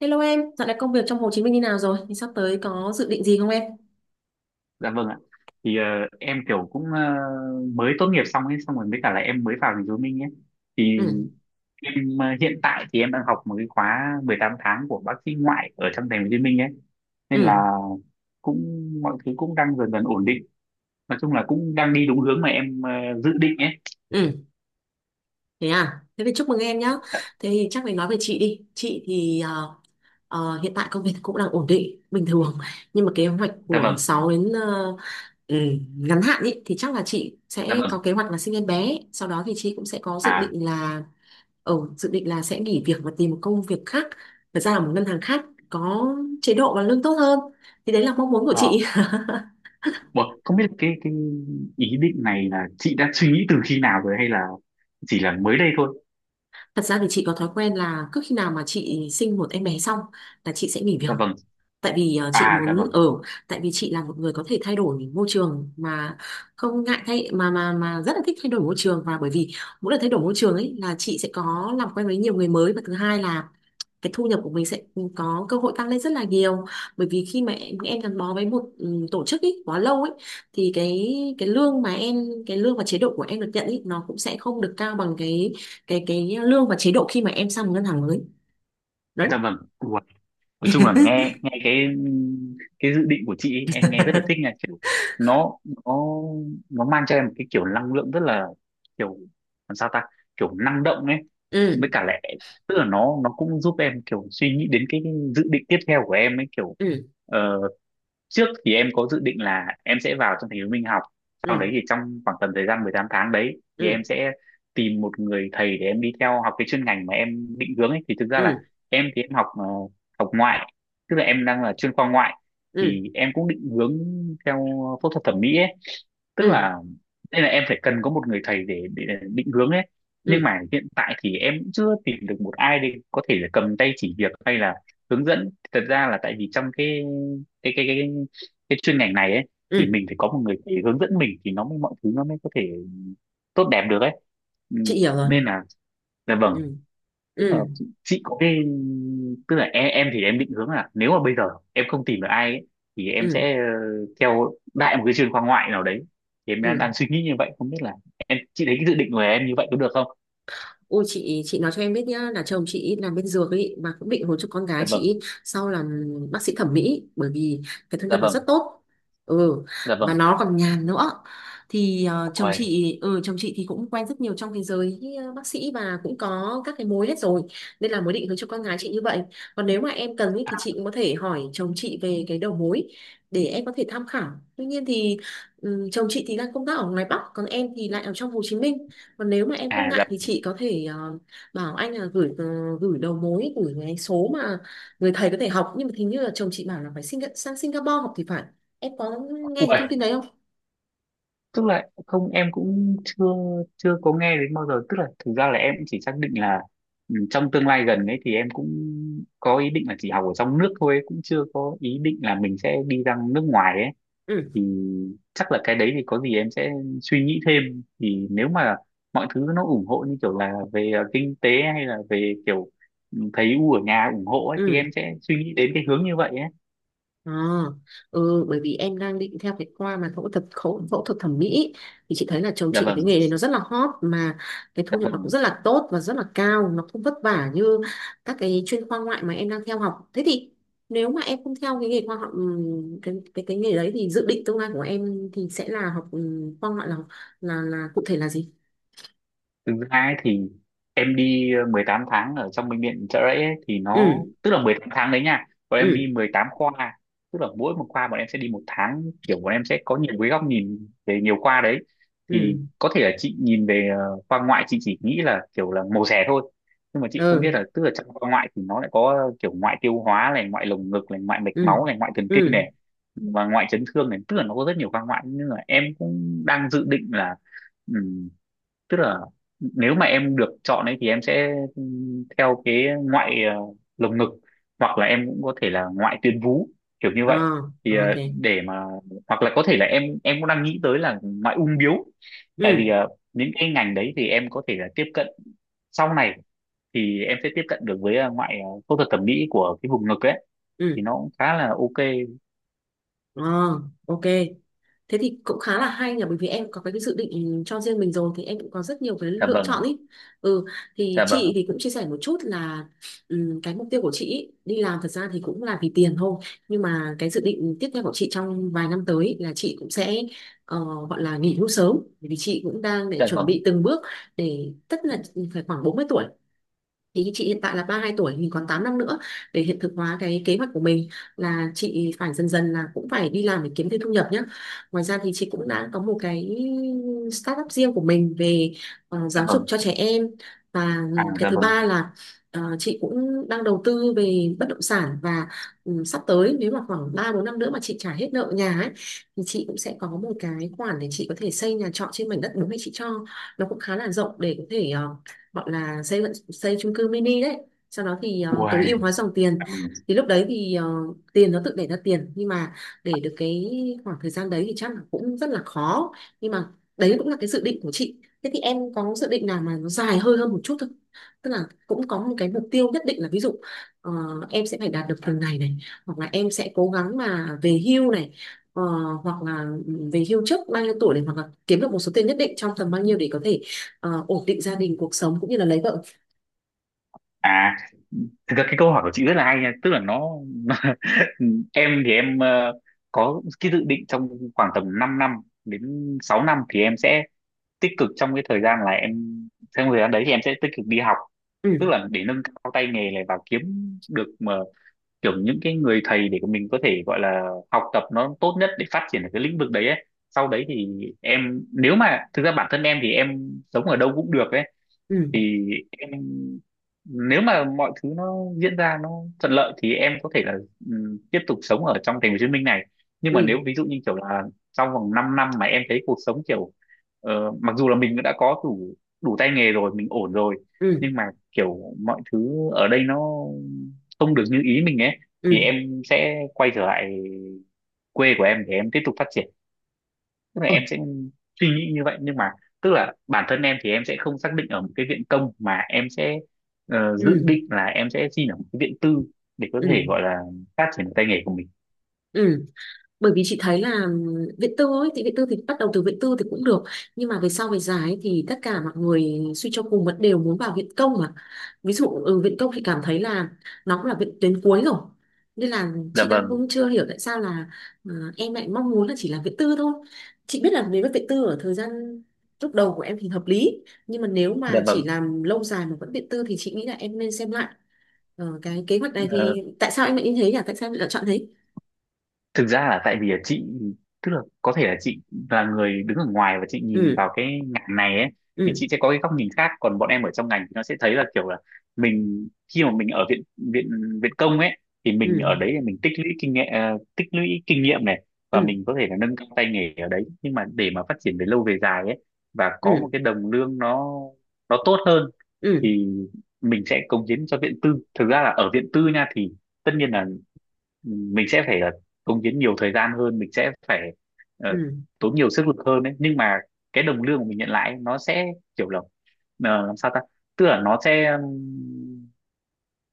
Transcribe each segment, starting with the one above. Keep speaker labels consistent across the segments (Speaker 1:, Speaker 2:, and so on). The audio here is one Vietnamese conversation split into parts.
Speaker 1: Hello em, dạo này công việc trong Hồ Chí Minh như nào rồi? Thì sắp tới có dự định gì không em?
Speaker 2: Dạ vâng ạ. Thì em kiểu cũng mới tốt nghiệp xong ấy, xong rồi với cả là em mới vào thành phố Hồ Chí Minh ấy. Thì
Speaker 1: Ừ,
Speaker 2: em hiện tại thì em đang học một cái khóa 18 tháng của bác sĩ ngoại ở trong thành phố Hồ Chí Minh ấy. Nên
Speaker 1: ừ,
Speaker 2: là cũng mọi thứ cũng đang dần dần ổn định. Nói chung là cũng đang đi đúng hướng mà em dự định ấy.
Speaker 1: ừ, thế à? Thế thì chúc mừng em nhá.
Speaker 2: Dạ,
Speaker 1: Thế thì chắc phải nói về chị đi. Chị thì hiện tại công việc cũng đang ổn định, bình thường. Nhưng mà kế hoạch
Speaker 2: dạ
Speaker 1: của
Speaker 2: vâng,
Speaker 1: 6 đến ừ, ngắn hạn ý, thì chắc là chị
Speaker 2: dạ
Speaker 1: sẽ có
Speaker 2: vâng.
Speaker 1: kế hoạch là sinh em bé. Sau đó thì chị cũng sẽ có dự
Speaker 2: À,
Speaker 1: định là sẽ nghỉ việc và tìm một công việc khác, thật ra là một ngân hàng khác có chế độ và lương tốt hơn. Thì đấy là mong muốn của
Speaker 2: ờ.
Speaker 1: chị.
Speaker 2: Ủa, không biết cái ý định này là chị đã suy nghĩ từ khi nào rồi hay là chỉ là mới đây thôi?
Speaker 1: Thật ra thì chị có thói quen là cứ khi nào mà chị sinh một em bé xong là chị sẽ nghỉ việc.
Speaker 2: Dạ vâng.
Speaker 1: Tại vì
Speaker 2: À, dạ vâng.
Speaker 1: tại vì chị là một người có thể thay đổi môi trường mà không ngại thay mà rất là thích thay đổi môi trường, và bởi vì mỗi lần thay đổi môi trường ấy là chị sẽ có làm quen với nhiều người mới, và thứ hai là cái thu nhập của mình sẽ có cơ hội tăng lên rất là nhiều. Bởi vì khi mà em gắn bó với một tổ chức ý, quá lâu ấy, thì cái lương mà em cái lương và chế độ của em được nhận ý, nó cũng sẽ không được cao bằng cái lương và chế độ khi mà em sang một ngân hàng mới đấy.
Speaker 2: Dạ vâng. Nói chung là nghe nghe cái dự định của chị ấy, em nghe rất là thích nha kiểu nó nó nó mang cho em một cái kiểu năng lượng rất là kiểu làm sao ta kiểu năng động ấy
Speaker 1: Ừ,
Speaker 2: với cả lại tức là nó cũng giúp em kiểu suy nghĩ đến cái dự định tiếp theo của em ấy kiểu
Speaker 1: ừ,
Speaker 2: ờ, trước thì em có dự định là em sẽ vào trong thành phố Minh học sau
Speaker 1: ừ,
Speaker 2: đấy thì trong khoảng tầm thời gian 18 tháng đấy thì
Speaker 1: ừ,
Speaker 2: em sẽ tìm một người thầy để em đi theo học cái chuyên ngành mà em định hướng ấy thì thực ra là
Speaker 1: ừ,
Speaker 2: em thì em học học ngoại tức là em đang là chuyên khoa ngoại
Speaker 1: ừ,
Speaker 2: thì em cũng định hướng theo phẫu thuật thẩm mỹ ấy
Speaker 1: ừ,
Speaker 2: tức
Speaker 1: ừ,
Speaker 2: là đây là em phải cần có một người thầy để định hướng ấy
Speaker 1: ừ,
Speaker 2: nhưng mà hiện tại thì em cũng chưa tìm được một ai để có thể là cầm tay chỉ việc hay là hướng dẫn thật ra là tại vì trong cái cái cái cái chuyên ngành này ấy thì
Speaker 1: ừ.
Speaker 2: mình phải có một người thầy hướng dẫn mình thì nó mới mọi thứ nó mới có thể tốt đẹp được ấy ừ.
Speaker 1: Chị hiểu rồi.
Speaker 2: Nên là vâng
Speaker 1: Ừ,
Speaker 2: tức là
Speaker 1: ừ,
Speaker 2: chị có cái tức là em thì em định hướng là nếu mà bây giờ em không tìm được ai ấy, thì em
Speaker 1: ừ,
Speaker 2: sẽ theo đại một cái trường khoa ngoại nào đấy thì em
Speaker 1: ừ.
Speaker 2: đang suy nghĩ như vậy không biết là em chị thấy cái dự định của em như vậy có được không.
Speaker 1: Ôi, chị nói cho em biết nhá, là chồng chị làm bên dược ấy mà cũng định hôn cho con gái
Speaker 2: Dạ vâng.
Speaker 1: chị sau làm bác sĩ thẩm mỹ, bởi vì cái thu
Speaker 2: Dạ
Speaker 1: nhập nó
Speaker 2: vâng.
Speaker 1: rất tốt. Ừ,
Speaker 2: Dạ
Speaker 1: và
Speaker 2: vâng.
Speaker 1: nó còn nhàn nữa. Thì
Speaker 2: Ui.
Speaker 1: chồng chị thì cũng quen rất nhiều trong thế giới bác sĩ và cũng có các cái mối hết rồi, nên là mới định hướng cho con gái chị như vậy. Còn nếu mà em cần ý, thì chị
Speaker 2: À,
Speaker 1: cũng có thể hỏi chồng chị về cái đầu mối để em có thể tham khảo. Tuy nhiên thì chồng chị thì đang công tác ở ngoài Bắc, còn em thì lại ở trong Hồ Chí Minh. Còn nếu mà em không
Speaker 2: à
Speaker 1: ngại
Speaker 2: dạ.
Speaker 1: thì chị có thể bảo anh là gửi gửi đầu mối, gửi cái số mà người thầy có thể học. Nhưng mà hình như là chồng chị bảo là phải sang Singapore học thì phải. Em có nghe cái
Speaker 2: Ui,
Speaker 1: thông tin đấy không?
Speaker 2: tức là không em cũng chưa chưa có nghe đến bao giờ tức là thực ra là em cũng chỉ xác định là ừ, trong tương lai gần ấy thì em cũng có ý định là chỉ học ở trong nước thôi cũng chưa có ý định là mình sẽ đi ra nước ngoài ấy
Speaker 1: Ừ,
Speaker 2: thì chắc là cái đấy thì có gì em sẽ suy nghĩ thêm thì nếu mà mọi thứ nó ủng hộ như kiểu là về kinh tế hay là về kiểu ừ, thấy u ở nhà ủng hộ ấy thì
Speaker 1: ừ.
Speaker 2: em sẽ suy nghĩ đến cái hướng như vậy ấy.
Speaker 1: À, ừ, bởi vì em đang định theo cái khoa mà phẫu thuật, phẫu thuật thẩm mỹ, thì chị thấy là chồng
Speaker 2: Dạ
Speaker 1: chị
Speaker 2: vâng.
Speaker 1: cái nghề này nó rất là hot mà, cái thu
Speaker 2: Dạ
Speaker 1: nhập nó cũng
Speaker 2: vâng.
Speaker 1: rất là tốt và rất là cao, nó không vất vả như các cái chuyên khoa ngoại mà em đang theo học. Thế thì nếu mà em không theo cái nghề khoa học, cái nghề đấy, thì dự định tương lai của em thì sẽ là học khoa ngoại, là cụ thể là gì?
Speaker 2: Thực ra ấy thì em đi 18 tháng ở trong bệnh viện Chợ Rẫy ấy, thì nó
Speaker 1: Ừ,
Speaker 2: tức là 18 tháng đấy nha còn em
Speaker 1: ừ,
Speaker 2: đi 18 khoa tức là mỗi một khoa bọn em sẽ đi một tháng kiểu bọn em sẽ có nhiều cái góc nhìn về nhiều khoa đấy
Speaker 1: ừ,
Speaker 2: thì có thể là chị nhìn về khoa ngoại chị chỉ nghĩ là kiểu là mổ xẻ thôi nhưng mà chị cũng biết
Speaker 1: ừ,
Speaker 2: là tức là trong khoa ngoại thì nó lại có kiểu ngoại tiêu hóa này ngoại lồng ngực này ngoại mạch
Speaker 1: ừ,
Speaker 2: máu này ngoại thần kinh
Speaker 1: ừ,
Speaker 2: này và ngoại chấn thương này tức là nó có rất nhiều khoa ngoại nhưng mà em cũng đang dự định là tức là nếu mà em được chọn ấy thì em sẽ theo cái ngoại lồng ngực hoặc là em cũng có thể là ngoại tuyến vú kiểu như vậy
Speaker 1: à,
Speaker 2: thì
Speaker 1: ok.
Speaker 2: để mà hoặc là có thể là em cũng đang nghĩ tới là ngoại ung bướu tại vì
Speaker 1: Ừ,
Speaker 2: những cái ngành đấy thì em có thể là tiếp cận sau này thì em sẽ tiếp cận được với ngoại phẫu thuật thẩm mỹ của cái vùng ngực ấy thì
Speaker 1: ừ,
Speaker 2: nó cũng khá là ok.
Speaker 1: à, ok. Thế thì cũng khá là hay nhỉ, bởi vì em có cái dự định cho riêng mình rồi thì em cũng có rất nhiều cái
Speaker 2: Dạ
Speaker 1: lựa
Speaker 2: vâng.
Speaker 1: chọn ý. Ừ, thì
Speaker 2: Dạ vâng.
Speaker 1: chị thì cũng chia sẻ một chút là cái mục tiêu của chị ý, đi làm thật ra thì cũng là vì tiền thôi. Nhưng mà cái dự định tiếp theo của chị trong vài năm tới ý, là chị cũng sẽ ờ, gọi là nghỉ hưu sớm, bởi vì chị cũng đang để
Speaker 2: Dạ
Speaker 1: chuẩn
Speaker 2: vâng.
Speaker 1: bị từng bước để tất là phải khoảng 40 tuổi. Thì chị hiện tại là 32 tuổi thì còn 8 năm nữa để hiện thực hóa cái kế hoạch của mình, là chị phải dần dần là cũng phải đi làm để kiếm thêm thu nhập nhé. Ngoài ra thì chị cũng đã có một cái startup riêng của mình về
Speaker 2: Dạ
Speaker 1: giáo dục
Speaker 2: vâng.
Speaker 1: cho trẻ em, và
Speaker 2: À
Speaker 1: cái
Speaker 2: dạ
Speaker 1: thứ
Speaker 2: vâng.
Speaker 1: ba là chị cũng đang đầu tư về bất động sản. Và sắp tới nếu mà khoảng 3 4 năm nữa mà chị trả hết nợ nhà ấy, thì chị cũng sẽ có một cái khoản để chị có thể xây nhà trọ trên mảnh đất bố mẹ chị cho. Nó cũng khá là rộng để có thể gọi là xây xây chung cư mini đấy, sau đó thì
Speaker 2: Uầy,
Speaker 1: tối ưu hóa dòng tiền.
Speaker 2: dạ vâng.
Speaker 1: Thì lúc đấy thì tiền nó tự đẻ ra tiền, nhưng mà để được cái khoảng thời gian đấy thì chắc là cũng rất là khó. Nhưng mà đấy cũng là cái dự định của chị. Thế thì em có dự định nào mà nó dài hơi hơn một chút không? Tức là cũng có một cái mục tiêu nhất định, là ví dụ ờ, em sẽ phải đạt được từng này này, hoặc là em sẽ cố gắng mà về hưu này, ờ, hoặc là về hưu trước bao nhiêu tuổi này, hoặc là kiếm được một số tiền nhất định trong tầm bao nhiêu để có thể ổn định gia đình cuộc sống cũng như là lấy vợ.
Speaker 2: Thực ra cái câu hỏi của chị rất là hay nha tức là nó ừ, em thì em có cái dự định trong khoảng tầm 5 năm đến 6 năm thì em sẽ tích cực trong cái thời gian là em trong thời gian đấy thì em sẽ tích cực đi học
Speaker 1: Ừ,
Speaker 2: tức là để nâng cao tay nghề này và kiếm được mà kiểu những cái người thầy để mình có thể gọi là học tập nó tốt nhất để phát triển ở cái lĩnh vực đấy ấy. Sau đấy thì em nếu mà thực ra bản thân em thì em sống ở đâu cũng được ấy
Speaker 1: ừ,
Speaker 2: thì em nếu mà mọi thứ nó diễn ra nó thuận lợi thì em có thể là tiếp tục sống ở trong thành phố Hồ Chí Minh này nhưng mà
Speaker 1: ừ,
Speaker 2: nếu ví dụ như kiểu là trong vòng 5 năm mà em thấy cuộc sống kiểu mặc dù là mình đã có đủ đủ tay nghề rồi mình ổn rồi
Speaker 1: ừ,
Speaker 2: nhưng mà kiểu mọi thứ ở đây nó không được như ý mình ấy thì
Speaker 1: ừ,
Speaker 2: em sẽ quay trở lại quê của em để em tiếp tục phát triển tức là em sẽ suy nghĩ như vậy nhưng mà tức là bản thân em thì em sẽ không xác định ở một cái viện công mà em sẽ dự
Speaker 1: ừ,
Speaker 2: định là em sẽ xin ở một cái viện tư để có
Speaker 1: ừ,
Speaker 2: thể gọi là phát triển tay nghề của mình.
Speaker 1: ừ. Bởi vì chị thấy là viện tư ấy thì viện tư thì bắt đầu từ viện tư thì cũng được, nhưng mà về sau về dài ấy, thì tất cả mọi người suy cho cùng vẫn đều muốn vào viện công mà. Ví dụ viện công thì cảm thấy là nó cũng là viện tuyến cuối rồi, nên là
Speaker 2: Dạ
Speaker 1: chị đang
Speaker 2: vâng.
Speaker 1: cũng chưa hiểu tại sao là ờ, em lại mong muốn là chỉ làm viện tư thôi. Chị biết là nếu mà viện tư ở thời gian lúc đầu của em thì hợp lý, nhưng mà nếu
Speaker 2: Dạ
Speaker 1: mà chỉ
Speaker 2: vâng.
Speaker 1: làm lâu dài mà vẫn viện tư thì chị nghĩ là em nên xem lại. Ờ, cái kế hoạch này
Speaker 2: Ờ,
Speaker 1: thì tại sao em lại như thế nhỉ, tại sao em lại lựa chọn thế?
Speaker 2: Thực ra là tại vì là chị tức là có thể là chị là người đứng ở ngoài và chị nhìn
Speaker 1: Ừ,
Speaker 2: vào cái ngành này ấy thì
Speaker 1: ừ,
Speaker 2: chị sẽ có cái góc nhìn khác còn bọn em ở trong ngành thì nó sẽ thấy là kiểu là mình khi mà mình ở viện viện viện công ấy thì mình
Speaker 1: ừ,
Speaker 2: ở đấy là mình tích lũy kinh nghiệm tích lũy kinh nghiệm này và
Speaker 1: ừ,
Speaker 2: mình có thể là nâng cao tay nghề ở đấy nhưng mà để mà phát triển về lâu về dài ấy và
Speaker 1: ừ,
Speaker 2: có một cái đồng lương nó tốt hơn
Speaker 1: ừ,
Speaker 2: thì mình sẽ cống hiến cho viện tư thực ra là ở viện tư nha thì tất nhiên là mình sẽ phải cống hiến nhiều thời gian hơn mình sẽ phải ờ,
Speaker 1: ừ,
Speaker 2: tốn nhiều sức lực hơn đấy nhưng mà cái đồng lương của mình nhận lại ấy, nó sẽ kiểu là làm sao ta tức là nó sẽ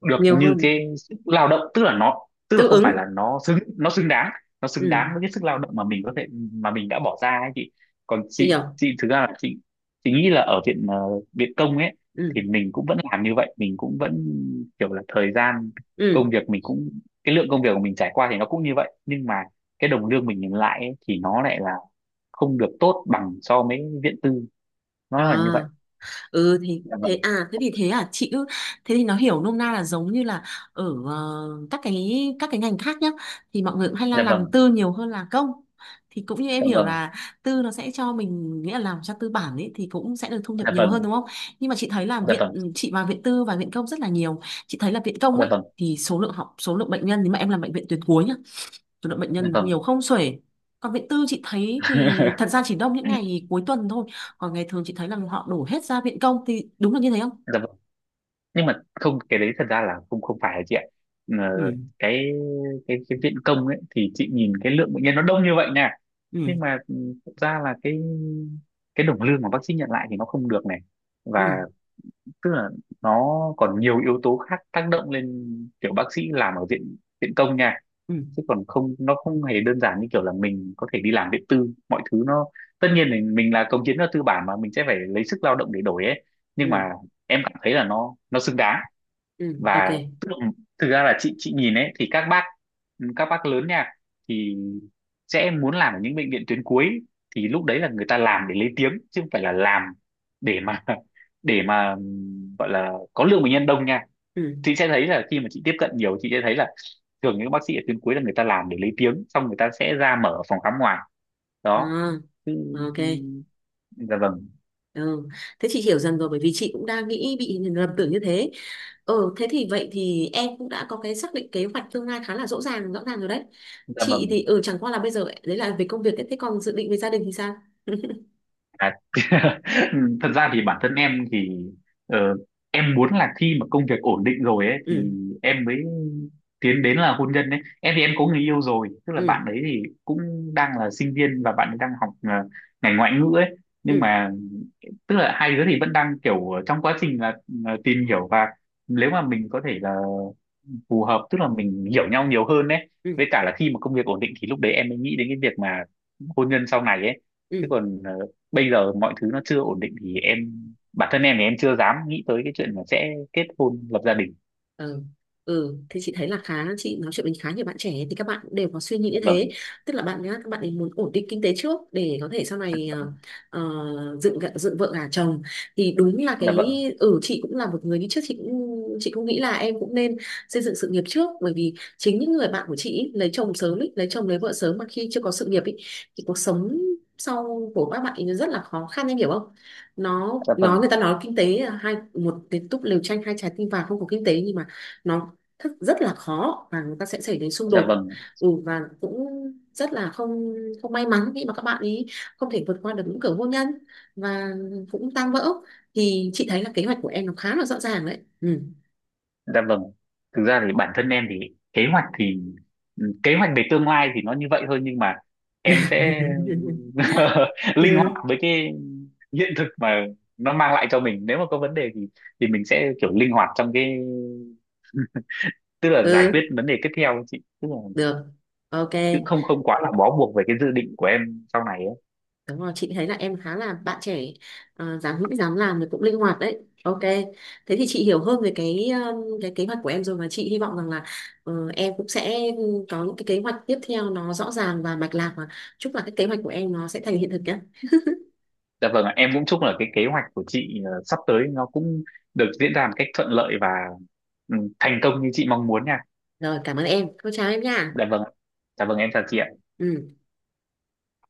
Speaker 2: được
Speaker 1: nhiều
Speaker 2: như
Speaker 1: hơn,
Speaker 2: cái sức lao động tức là nó tức là
Speaker 1: tương
Speaker 2: không phải
Speaker 1: ứng,
Speaker 2: là nó xứng
Speaker 1: ừ,
Speaker 2: đáng với cái sức lao động mà mình có thể mà mình đã bỏ ra ấy chị còn
Speaker 1: chị hiểu,
Speaker 2: chị thực ra là chị nghĩ là ở viện viện công ấy
Speaker 1: ừ,
Speaker 2: thì mình cũng vẫn làm như vậy mình cũng vẫn kiểu là thời gian
Speaker 1: ừ,
Speaker 2: công việc mình cũng cái lượng công việc của mình trải qua thì nó cũng như vậy nhưng mà cái đồng lương mình nhận lại ấy, thì nó lại là không được tốt bằng so với viện tư
Speaker 1: à.
Speaker 2: nó là như vậy.
Speaker 1: Ừ thì
Speaker 2: Dạ
Speaker 1: thế
Speaker 2: vâng.
Speaker 1: à, thế thì thế à, chị cứ thế thì nó hiểu nôm na là giống như là ở các cái ngành khác nhá, thì mọi người cũng hay là
Speaker 2: Dạ
Speaker 1: làm
Speaker 2: vâng.
Speaker 1: tư nhiều hơn là công. Thì cũng như em
Speaker 2: Dạ
Speaker 1: hiểu
Speaker 2: vâng.
Speaker 1: là tư nó sẽ cho mình, nghĩa là làm cho tư bản ấy thì cũng sẽ được thu nhập
Speaker 2: Dạ
Speaker 1: nhiều
Speaker 2: vâng.
Speaker 1: hơn, đúng không? Nhưng mà chị thấy là
Speaker 2: Dạ vâng.
Speaker 1: viện, chị vào viện tư và viện công rất là nhiều, chị thấy là viện công
Speaker 2: Dạ
Speaker 1: ấy
Speaker 2: vâng.
Speaker 1: thì số lượng học, số lượng bệnh nhân, nếu mà em làm bệnh viện tuyến cuối nhá, số lượng bệnh
Speaker 2: Dạ
Speaker 1: nhân nó
Speaker 2: vâng.
Speaker 1: nhiều không xuể. Còn viện tư chị thấy thì thật ra chỉ đông những ngày cuối tuần thôi. Còn ngày thường chị thấy là họ đổ hết ra viện công, thì đúng là như thế không?
Speaker 2: Dạ vâng. Nhưng mà không cái đấy thật ra là không không phải chị ạ. Ờ,
Speaker 1: Ừ,
Speaker 2: cái cái viện công ấy thì chị nhìn cái lượng bệnh nhân nó đông như vậy nè
Speaker 1: ừ,
Speaker 2: nhưng mà ừ, thật ra là cái đồng lương mà bác sĩ nhận lại thì nó không được này và
Speaker 1: ừ,
Speaker 2: tức là nó còn nhiều yếu tố khác tác động lên kiểu bác sĩ làm ở viện viện công nha
Speaker 1: ừ,
Speaker 2: chứ còn không nó không hề đơn giản như kiểu là mình có thể đi làm điện tư mọi thứ nó tất nhiên mình là công chức nó tư bản mà mình sẽ phải lấy sức lao động để đổi ấy nhưng
Speaker 1: ừ,
Speaker 2: mà em cảm thấy là nó xứng đáng
Speaker 1: ừ, ok.
Speaker 2: và tức là, thực ra là chị nhìn ấy thì các bác lớn nha thì sẽ muốn làm ở những bệnh viện tuyến cuối thì lúc đấy là người ta làm để lấy tiếng chứ không phải là làm để mà để mà gọi là có lượng bệnh nhân đông nha
Speaker 1: Ừ,
Speaker 2: chị sẽ thấy là khi mà chị tiếp cận nhiều chị sẽ thấy là thường những bác sĩ ở tuyến cuối là người ta làm để lấy tiếng xong người ta sẽ ra mở phòng khám ngoài đó.
Speaker 1: à,
Speaker 2: Chứ-
Speaker 1: ok.
Speaker 2: dạ vâng.
Speaker 1: Ừ. Thế chị hiểu dần rồi, bởi vì chị cũng đang nghĩ bị lầm tưởng như thế. Ừ, thế thì vậy thì em cũng đã có cái xác định kế hoạch tương lai khá là rõ ràng, rồi đấy.
Speaker 2: Dạ
Speaker 1: Chị
Speaker 2: vâng.
Speaker 1: thì ừ, chẳng qua là bây giờ đấy là về công việc ấy. Thế còn dự định về gia đình thì sao?
Speaker 2: À, thật ra thì bản thân em thì ờ, em muốn là khi mà công việc ổn định rồi ấy
Speaker 1: Ừ,
Speaker 2: thì em mới tiến đến là hôn nhân đấy em thì em có người yêu rồi tức là
Speaker 1: ừ,
Speaker 2: bạn ấy thì cũng đang là sinh viên và bạn ấy đang học ngành ngoại ngữ ấy nhưng
Speaker 1: ừ,
Speaker 2: mà tức là hai đứa thì vẫn đang kiểu trong quá trình là tìm hiểu và nếu mà mình có thể là phù hợp tức là mình hiểu nhau nhiều hơn đấy
Speaker 1: ừ,
Speaker 2: với cả là khi mà công việc ổn định thì lúc đấy em mới nghĩ đến cái việc mà hôn nhân sau này ấy
Speaker 1: ừ,
Speaker 2: chứ còn bây giờ mọi thứ nó chưa ổn định thì em bản thân em thì em chưa dám nghĩ tới cái chuyện là sẽ kết hôn lập gia đình.
Speaker 1: ừ. Ừ thì chị thấy là khá, chị nói chuyện với khá nhiều bạn trẻ thì các bạn cũng đều có suy nghĩ
Speaker 2: Dạ
Speaker 1: như
Speaker 2: vâng.
Speaker 1: thế, tức là bạn nhá, các bạn ấy muốn ổn định kinh tế trước để có thể sau này ờ, dựng vợ gả chồng. Thì đúng là
Speaker 2: Dạ
Speaker 1: cái,
Speaker 2: vâng.
Speaker 1: ừ, chị cũng là một người như trước, chị cũng nghĩ là em cũng nên xây dựng sự nghiệp trước, bởi vì chính những người bạn của chị ý, lấy chồng sớm ý, lấy chồng lấy vợ sớm mà khi chưa có sự nghiệp ý, thì cuộc sống sau của các bạn ấy nó rất là khó khăn, em hiểu không? Nó
Speaker 2: Dạ
Speaker 1: nói,
Speaker 2: vâng.
Speaker 1: người ta nói kinh tế là hai, một cái túp lều tranh hai trái tim vàng, không có kinh tế nhưng mà nó thức rất là khó, và người ta sẽ xảy đến xung
Speaker 2: Dạ
Speaker 1: đột.
Speaker 2: vâng.
Speaker 1: Ừ, và cũng rất là không không may mắn khi mà các bạn ý không thể vượt qua được những cửa hôn nhân và cũng tan vỡ. Thì chị thấy là kế hoạch của em nó khá là rõ ràng đấy. Ừ.
Speaker 2: Dạ vâng. Thực ra thì bản thân em thì kế hoạch về tương lai thì nó như vậy thôi nhưng mà em sẽ linh
Speaker 1: Ừ,
Speaker 2: hoạt với cái hiện thực mà nó mang lại cho mình. Nếu mà có vấn đề thì mình sẽ kiểu linh hoạt trong cái tức là giải quyết
Speaker 1: ừ,
Speaker 2: vấn đề tiếp theo ấy chị. Tức là
Speaker 1: được, ok.
Speaker 2: cũng không không quá là bó buộc về cái dự định của em sau này ấy.
Speaker 1: Đúng rồi, chị thấy là em khá là bạn trẻ, dám nghĩ dám làm thì cũng linh hoạt đấy. Ok. Thế thì chị hiểu hơn về cái kế hoạch của em rồi, và chị hy vọng rằng là em cũng sẽ có những cái kế hoạch tiếp theo nó rõ ràng và mạch lạc, và chúc là cái kế hoạch của em nó sẽ thành hiện thực nhé.
Speaker 2: Dạ vâng, ạ. Em cũng chúc là cái kế hoạch của chị sắp tới nó cũng được diễn ra một cách thuận lợi và ừ, thành công như chị mong muốn nha.
Speaker 1: Rồi, cảm ơn em. Cô chào em nha.
Speaker 2: Dạ vâng, ạ. Dạ vâng, em chào chị ạ.
Speaker 1: Ừ.